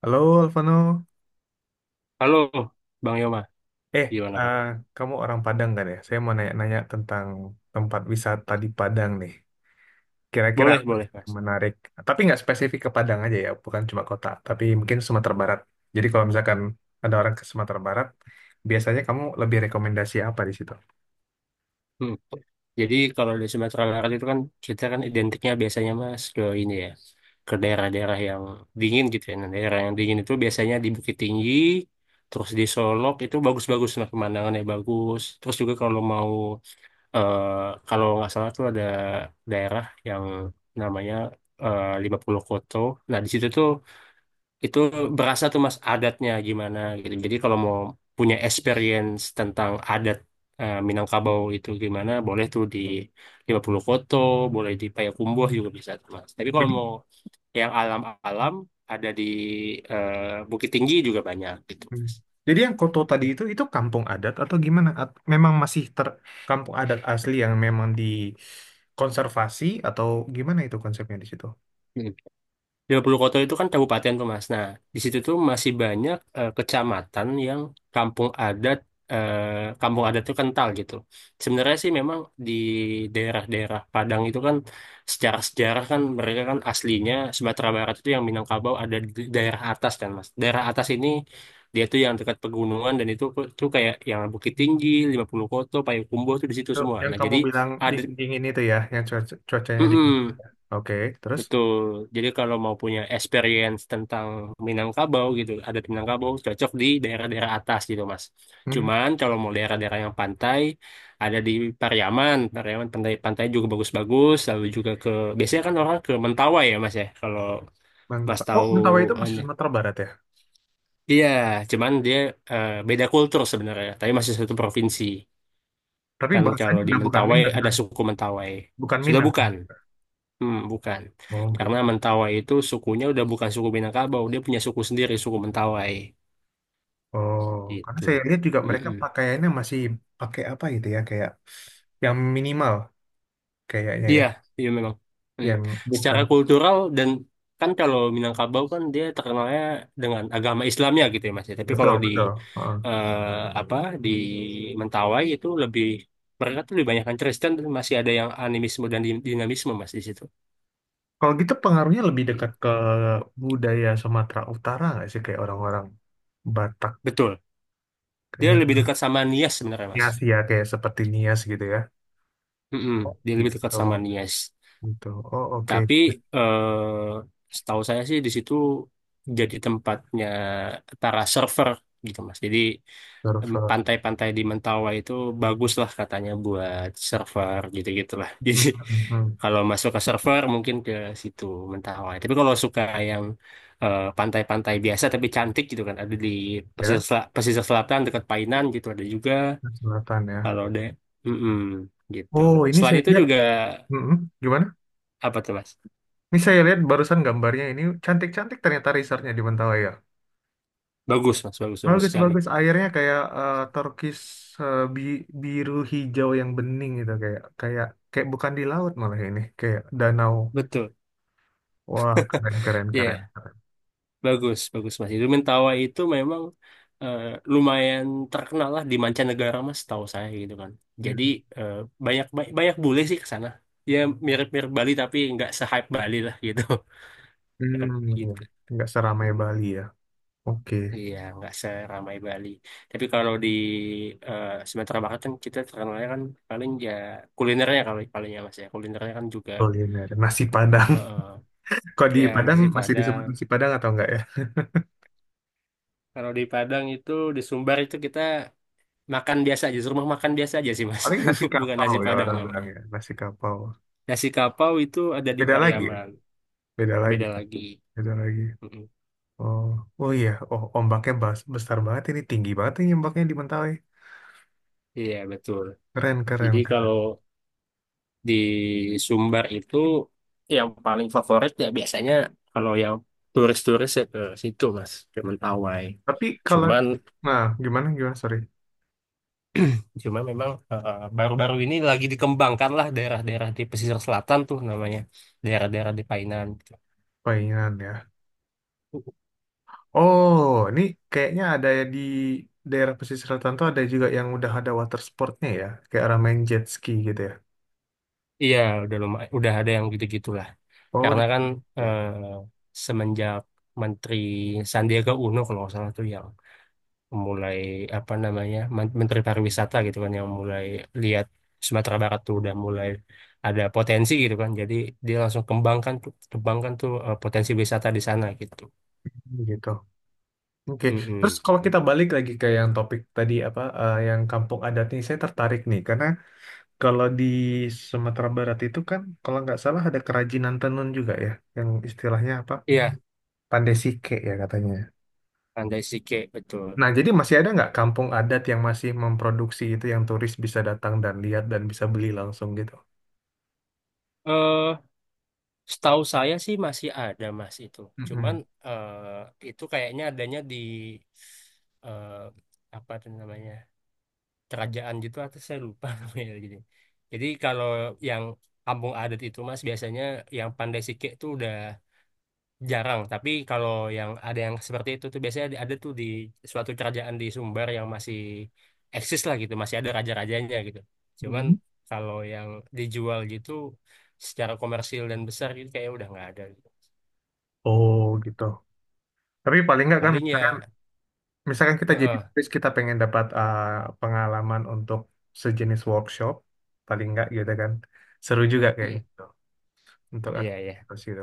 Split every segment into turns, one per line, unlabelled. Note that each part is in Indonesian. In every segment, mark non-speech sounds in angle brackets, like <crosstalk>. Halo Alvano,
Halo, Bang Yoma.
eh
Gimana, Bang?
eh, kamu orang Padang kan ya? Saya mau nanya-nanya tentang tempat wisata di Padang nih. Kira-kira
Boleh,
apa
boleh,
yang
Mas.
menarik, tapi nggak spesifik ke Padang aja ya, bukan cuma kota, tapi mungkin Sumatera Barat. Jadi kalau misalkan ada orang ke Sumatera Barat, biasanya kamu lebih rekomendasi apa di situ?
Hmm. Jadi kalau di Sumatera Barat itu kan kita kan identiknya biasanya Mas ke ini ya, ke daerah-daerah yang dingin gitu ya. Nah, daerah yang dingin itu biasanya di Bukit Tinggi, terus di Solok itu bagus-bagus, nah pemandangannya bagus. Terus juga kalau mau eh, kalau nggak salah tuh ada daerah yang namanya lima puluh Koto. Nah, di situ tuh itu berasa tuh mas adatnya gimana gitu. Jadi kalau mau punya experience tentang adat Minangkabau itu gimana, boleh tuh di lima puluh Koto, boleh di Payakumbuh juga bisa tuh mas. Tapi kalau
Jadi,
mau yang alam-alam ada di eh, Bukit Tinggi juga banyak gitu
Hmm.
mas.
Jadi yang Koto tadi itu kampung adat atau gimana? Memang masih kampung adat asli yang memang dikonservasi atau gimana itu konsepnya di situ?
30 kota itu kan kabupaten tuh Mas. Nah, di situ tuh masih banyak kecamatan yang kampung adat, eh, kampung adat tuh kental gitu. Sebenarnya sih memang di daerah-daerah Padang itu kan secara sejarah kan, mereka kan aslinya Sumatera Barat itu yang Minangkabau ada di daerah atas kan Mas. Daerah atas ini dia tuh yang dekat pegunungan, dan itu tuh kayak yang Bukit Tinggi, 50 Koto, Payakumbuh tuh di situ
Tuh,
semua.
yang
Nah,
kamu
jadi
bilang
ada.
dingin itu ya, yang cuacanya dingin.
Mm-mm.
Oke, terus?
Betul. Jadi kalau mau punya experience tentang Minangkabau gitu, ada Minangkabau cocok di daerah-daerah atas gitu, Mas.
Hmm,
Cuman kalau mau daerah-daerah yang pantai, ada di Pariaman. Pariaman pantai pantai juga bagus-bagus, lalu juga ke biasanya kan orang ke Mentawai ya, Mas ya. Kalau Mas
Oh,
tahu
Mentawai itu masih
eh,
Sumatera Barat ya?
iya, cuman dia beda kultur sebenarnya, tapi masih satu provinsi.
Tapi
Kan
bahasanya
kalau di
udah bukan
Mentawai
Minang
ada
kan?
suku Mentawai.
Bukan
Sudah
Minang.
bukan? Hmm, bukan.
Oh, gitu.
Karena Mentawai itu sukunya udah bukan suku Minangkabau, dia punya suku sendiri, suku Mentawai.
Oh, karena saya
Itu.
lihat juga mereka
Mm-mm.
pakaiannya masih pakai apa gitu ya, kayak yang minimal kayaknya ya,
Iya, iya memang. Mm.
yang
Secara
bukan.
kultural dan kan kalau Minangkabau kan dia terkenalnya dengan agama Islamnya gitu ya Mas. Ya. Tapi
Betul,
kalau di
betul. Heeh.
eh, apa di Mentawai itu lebih, mereka tuh lebih banyak Kristen tapi masih ada yang animisme dan dinamisme Mas di situ.
Kalau gitu pengaruhnya lebih
Gitu.
dekat ke budaya Sumatera Utara nggak sih? Kayak orang-orang Batak,
Betul. Dia
ini
lebih dekat sama Nias sebenarnya Mas.
Nias ya, kayak seperti Nias gitu ya.
Mm-mm.
Oh,
Dia lebih dekat
gitu.
sama Nias.
Gitu. Oh, oke.
Tapi setahu saya sih di situ jadi tempatnya para server gitu Mas. Jadi
Server.
pantai-pantai di Mentawai itu bagus lah katanya buat server gitu-gitulah. <laughs> Jadi
Mhm.
kalau masuk ke server mungkin ke situ Mentawai. Tapi kalau suka yang pantai-pantai biasa tapi cantik gitu kan ada di pesisir,
Ya,
pesisir selatan dekat Painan gitu ada juga.
selatan ya.
Kalau ada mm gitu.
Oh, ini
Selain
saya
itu
lihat.
juga
Mhm. Gimana?
apa tuh Mas?
Ini saya lihat barusan gambarnya ini cantik-cantik ternyata resortnya di Mentawai ya.
Bagus Mas, bagus bagus sekali.
Bagus-bagus airnya kayak turkis biru hijau yang bening gitu kayak kayak kayak bukan di laut malah ini kayak danau.
Betul,
Wah, keren, keren, keren,
ya
keren.
bagus, bagus Mas. Itu Mentawa itu memang eh, lumayan terkenal lah di mancanegara Mas, tahu saya gitu kan. Jadi eh, banyak banyak bule sih ke sana. Ya mirip-mirip Bali tapi nggak se-hype Bali lah gitu. <laughs> Mirip
Hmm,
gitu.
nggak seramai Bali ya. Oke,
Iya, nggak seramai Bali. Tapi kalau di Sumatera Barat kan kita terkenalnya kan paling ya kulinernya kalau paling ya Mas ya. Kulinernya kan juga
kuliner nasi Padang.
eh,
Kok di
ya
Padang
nasi
masih
Padang.
disebut nasi Padang atau enggak ya?
Kalau di Padang itu di Sumbar itu kita makan biasa aja, rumah makan biasa aja sih mas.
Paling nasi
<laughs> Bukan
kapau
nasi
ya
Padang
orang bilang
namanya.
ya, nasi kapau.
Nasi kapau itu ada di
Beda lagi ya?
Pariaman,
Beda lagi
beda
ya?
lagi.
Beda lagi.
Mm-mm.
Oh, oh iya. Oh, ombaknya besar banget ini, tinggi banget ini ombaknya di Mentawai.
Iya betul.
Keren,
Jadi
keren, keren.
kalau di Sumbar itu yang paling favorit ya biasanya kalau yang turis-turis ya ke situ mas, ke Mentawai.
Tapi kalau,
Cuman,
nah gimana, sorry.
memang baru-baru ini lagi dikembangkan lah daerah-daerah di pesisir selatan tuh namanya, daerah-daerah di Painan.
Paingan ya. Oh, ini kayaknya ada ya di daerah pesisir selatan ada juga yang udah ada water sportnya ya. Kayak orang main jet ski gitu ya.
Iya, udah lumayan, udah ada yang gitu-gitulah.
Oh,
Karena
udah.
kan
Ya,
eh, semenjak Menteri Sandiaga Uno kalau nggak salah tuh yang mulai apa namanya Menteri Pariwisata gitu kan yang mulai lihat Sumatera Barat tuh udah mulai ada potensi gitu kan. Jadi dia langsung kembangkan tuh potensi wisata di sana gitu.
gitu. Oke, terus
Mm-mm.
kalau kita balik lagi ke yang topik tadi apa yang kampung adat ini saya tertarik nih karena kalau di Sumatera Barat itu kan kalau nggak salah ada kerajinan tenun juga ya yang istilahnya apa
Iya,
Pandai Sike ya katanya.
Pandai Sike betul.
Nah, jadi masih ada nggak kampung adat yang masih memproduksi itu yang turis bisa datang dan lihat dan bisa beli langsung gitu?
Eh, Setahu saya sih masih ada Mas itu. Cuman
Mm-mm.
itu kayaknya adanya di eh, apa tuh namanya? Kerajaan gitu atau saya lupa <laughs> namanya jadi. Jadi kalau yang kampung adat itu Mas biasanya yang pandai sike itu udah jarang, tapi kalau yang ada yang seperti itu tuh biasanya ada tuh di suatu kerajaan di Sumbar yang masih eksis lah gitu, masih ada raja-rajanya gitu. Cuman
Mhm.
kalau yang dijual gitu secara komersil dan besar itu kayak udah nggak ada.
Oh gitu. Tapi paling nggak kan
Paling ya,
misalkan Misalkan kita jadi
heeh,
terus kita pengen dapat pengalaman untuk sejenis workshop, paling nggak gitu kan. Seru juga kayak
mm,
gitu untuk
iya iya.
aktivitas gitu.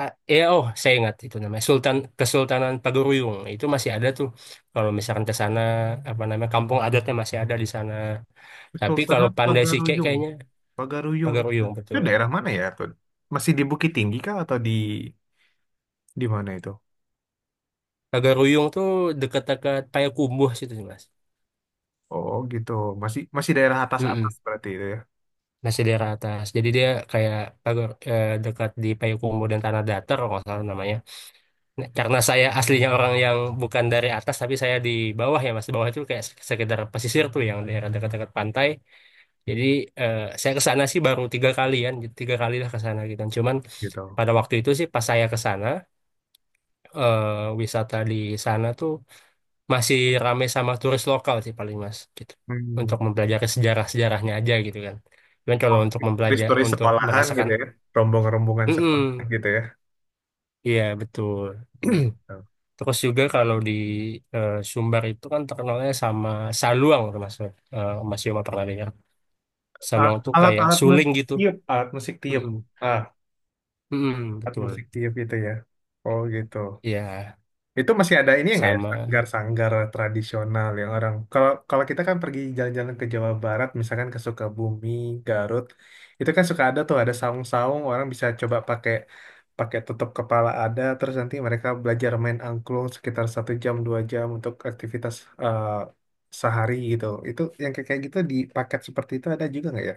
Ah, iya, oh saya ingat itu namanya Sultan Kesultanan Pagaruyung itu masih ada tuh. Kalau misalkan ke sana apa namanya kampung adatnya masih ada di sana. Tapi kalau
Sultanat
Pandai Sike
Pagaruyung.
kayaknya.
Pagaruyung
Pagaruyung
itu
betul.
daerah mana ya tuh? Masih di Bukit Tinggi kah atau di mana itu?
Pagaruyung tuh dekat-dekat Payakumbuh situ sih mas.
Oh gitu, masih masih daerah atas-atas
Mm-mm,
berarti itu ya,
masih daerah atas. Jadi dia kayak dekat di Payakumbuh dan Tanah Datar kalau nggak salah namanya. Nah, karena saya aslinya orang yang bukan dari atas, tapi saya di bawah ya mas. Di bawah itu kayak sekedar pesisir tuh yang daerah dekat-dekat pantai. Jadi saya ke sana sih baru tiga kali kan, tiga kali lah ke sana gitu. Cuman
gitu.
pada waktu itu sih pas saya ke sana, wisata di sana tuh masih rame sama turis lokal sih paling mas gitu.
Hmm.
Untuk mempelajari sejarah-sejarahnya aja gitu kan. Cuman kalau untuk
Oke.
mempelajari,
Turis-turis
untuk
sekolahan
merasakan,
gitu ya, rombongan-rombongan sekolah
mm
gitu ya.
iya betul.
Oh, gitu.
<clears throat> Terus juga kalau di Sumbar itu kan terkenalnya sama saluang, termasuk Mas Yoma pernah dengar.
A-
Saluang tuh kayak
Alat-alat musik
suling gitu.
tiup, alat musik tiup.
Mm-mm. Mm-mm,
Alat musik
betul.
tiup gitu ya. Oh gitu.
Ya,
Itu masih ada ini nggak ya
sama
sanggar-sanggar tradisional yang orang kalau kalau kita kan pergi jalan-jalan ke Jawa Barat misalkan ke Sukabumi, Garut, itu kan suka ada tuh ada saung-saung orang bisa coba pakai pakai tutup kepala ada terus nanti mereka belajar main angklung sekitar 1 jam 2 jam untuk aktivitas eh, sehari gitu. Itu yang kayak kayak gitu di paket seperti itu ada juga nggak ya?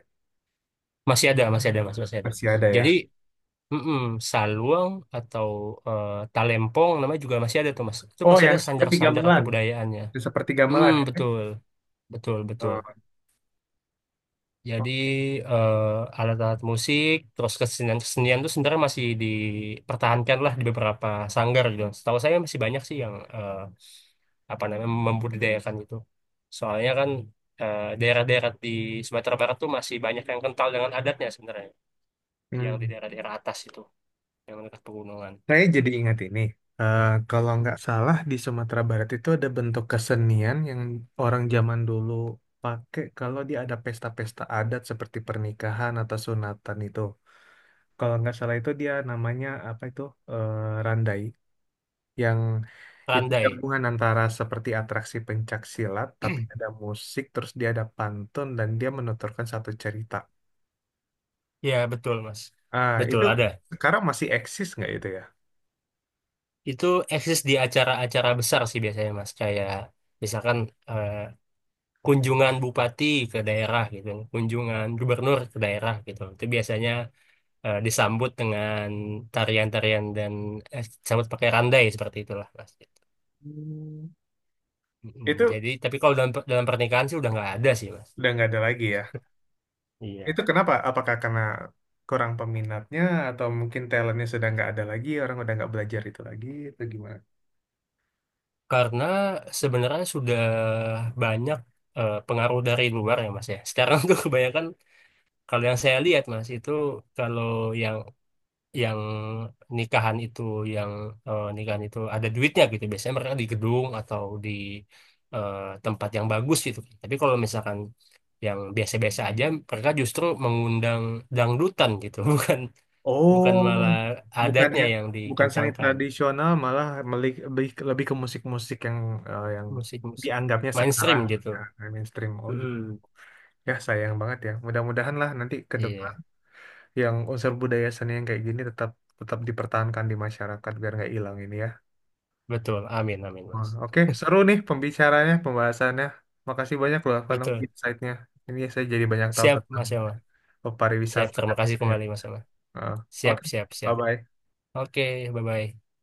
masih ada, Mas, masih ada.
Masih ada ya.
Jadi mm-mm, saluang atau talempong namanya juga masih ada tuh, Mas. Itu
Oh
masih ada sanjar-sanjar kebudayaannya.
yang seperti
Mm,
gamelan ya.
betul. Betul, betul.
Eh,
Jadi
oh.
alat-alat musik, terus kesenian-kesenian itu sebenarnya masih dipertahankan lah di beberapa sanggar gitu. Setahu saya masih banyak sih yang apa namanya membudidayakan itu. Soalnya kan daerah-daerah di Sumatera Barat tuh masih banyak yang kental dengan adatnya sebenarnya, yang di
Hmm.
daerah-daerah atas itu, yang dekat pegunungan.
Saya jadi ingat ini. Kalau nggak salah di Sumatera Barat itu ada bentuk kesenian yang orang zaman dulu pakai kalau dia ada pesta-pesta adat seperti pernikahan atau sunatan itu. Kalau nggak salah itu dia namanya apa itu randai, yang itu
Randai,
gabungan antara seperti atraksi pencak silat tapi ada musik terus dia ada pantun dan dia menuturkan satu cerita.
ya betul Mas,
Ah
betul
itu
ada.
sekarang masih eksis nggak itu ya?
Itu eksis di acara-acara besar sih biasanya Mas, kayak misalkan eh, kunjungan bupati ke daerah gitu, kunjungan gubernur ke daerah gitu. Itu biasanya disambut dengan tarian-tarian dan disambut pakai randai seperti itulah, Mas. Gitu.
Hmm.
Mm,
Itu
jadi, tapi kalau dalam dalam pernikahan sih udah nggak ada sih, Mas.
udah nggak ada lagi ya. Itu
Iya.
kenapa? Apakah karena kurang peminatnya atau mungkin talentnya sudah nggak ada lagi, orang udah nggak belajar itu lagi, atau gimana?
Karena sebenarnya sudah banyak pengaruh dari luar ya, Mas ya. Sekarang <laughs> tuh kebanyakan kalau yang saya lihat, Mas, itu kalau yang yang nikahan itu yang nikahan itu ada duitnya gitu, biasanya mereka di gedung atau di eh, tempat yang bagus gitu kan. Tapi kalau misalkan yang biasa-biasa aja mereka justru mengundang dangdutan gitu, <laughs> bukan bukan malah
Oh,
adatnya
bukannya
yang
bukan seni
dikencangkan,
tradisional, malah lebih ke musik-musik yang
musik musik
dianggapnya
mainstream
sekarang
gitu.
ya, mainstream. Oh, gitu.
Mm-mm.
Ya sayang banget ya. Mudah-mudahan lah nanti ke depan
Iya
yang unsur budaya seni yang kayak gini tetap tetap dipertahankan di masyarakat biar nggak hilang ini ya.
betul, amin, amin
Wah,
mas.
oke, seru nih pembicaranya, pembahasannya. Makasih banyak loh Fano
Betul,
insight-nya. Ini saya jadi banyak tahu
siap
tentang
mas Yoma, siap,
pariwisata.
terima kasih
Ya.
kembali mas Yoma,
Eh,
siap,
Oke,
siap, siap,
bye-bye.
oke, bye bye.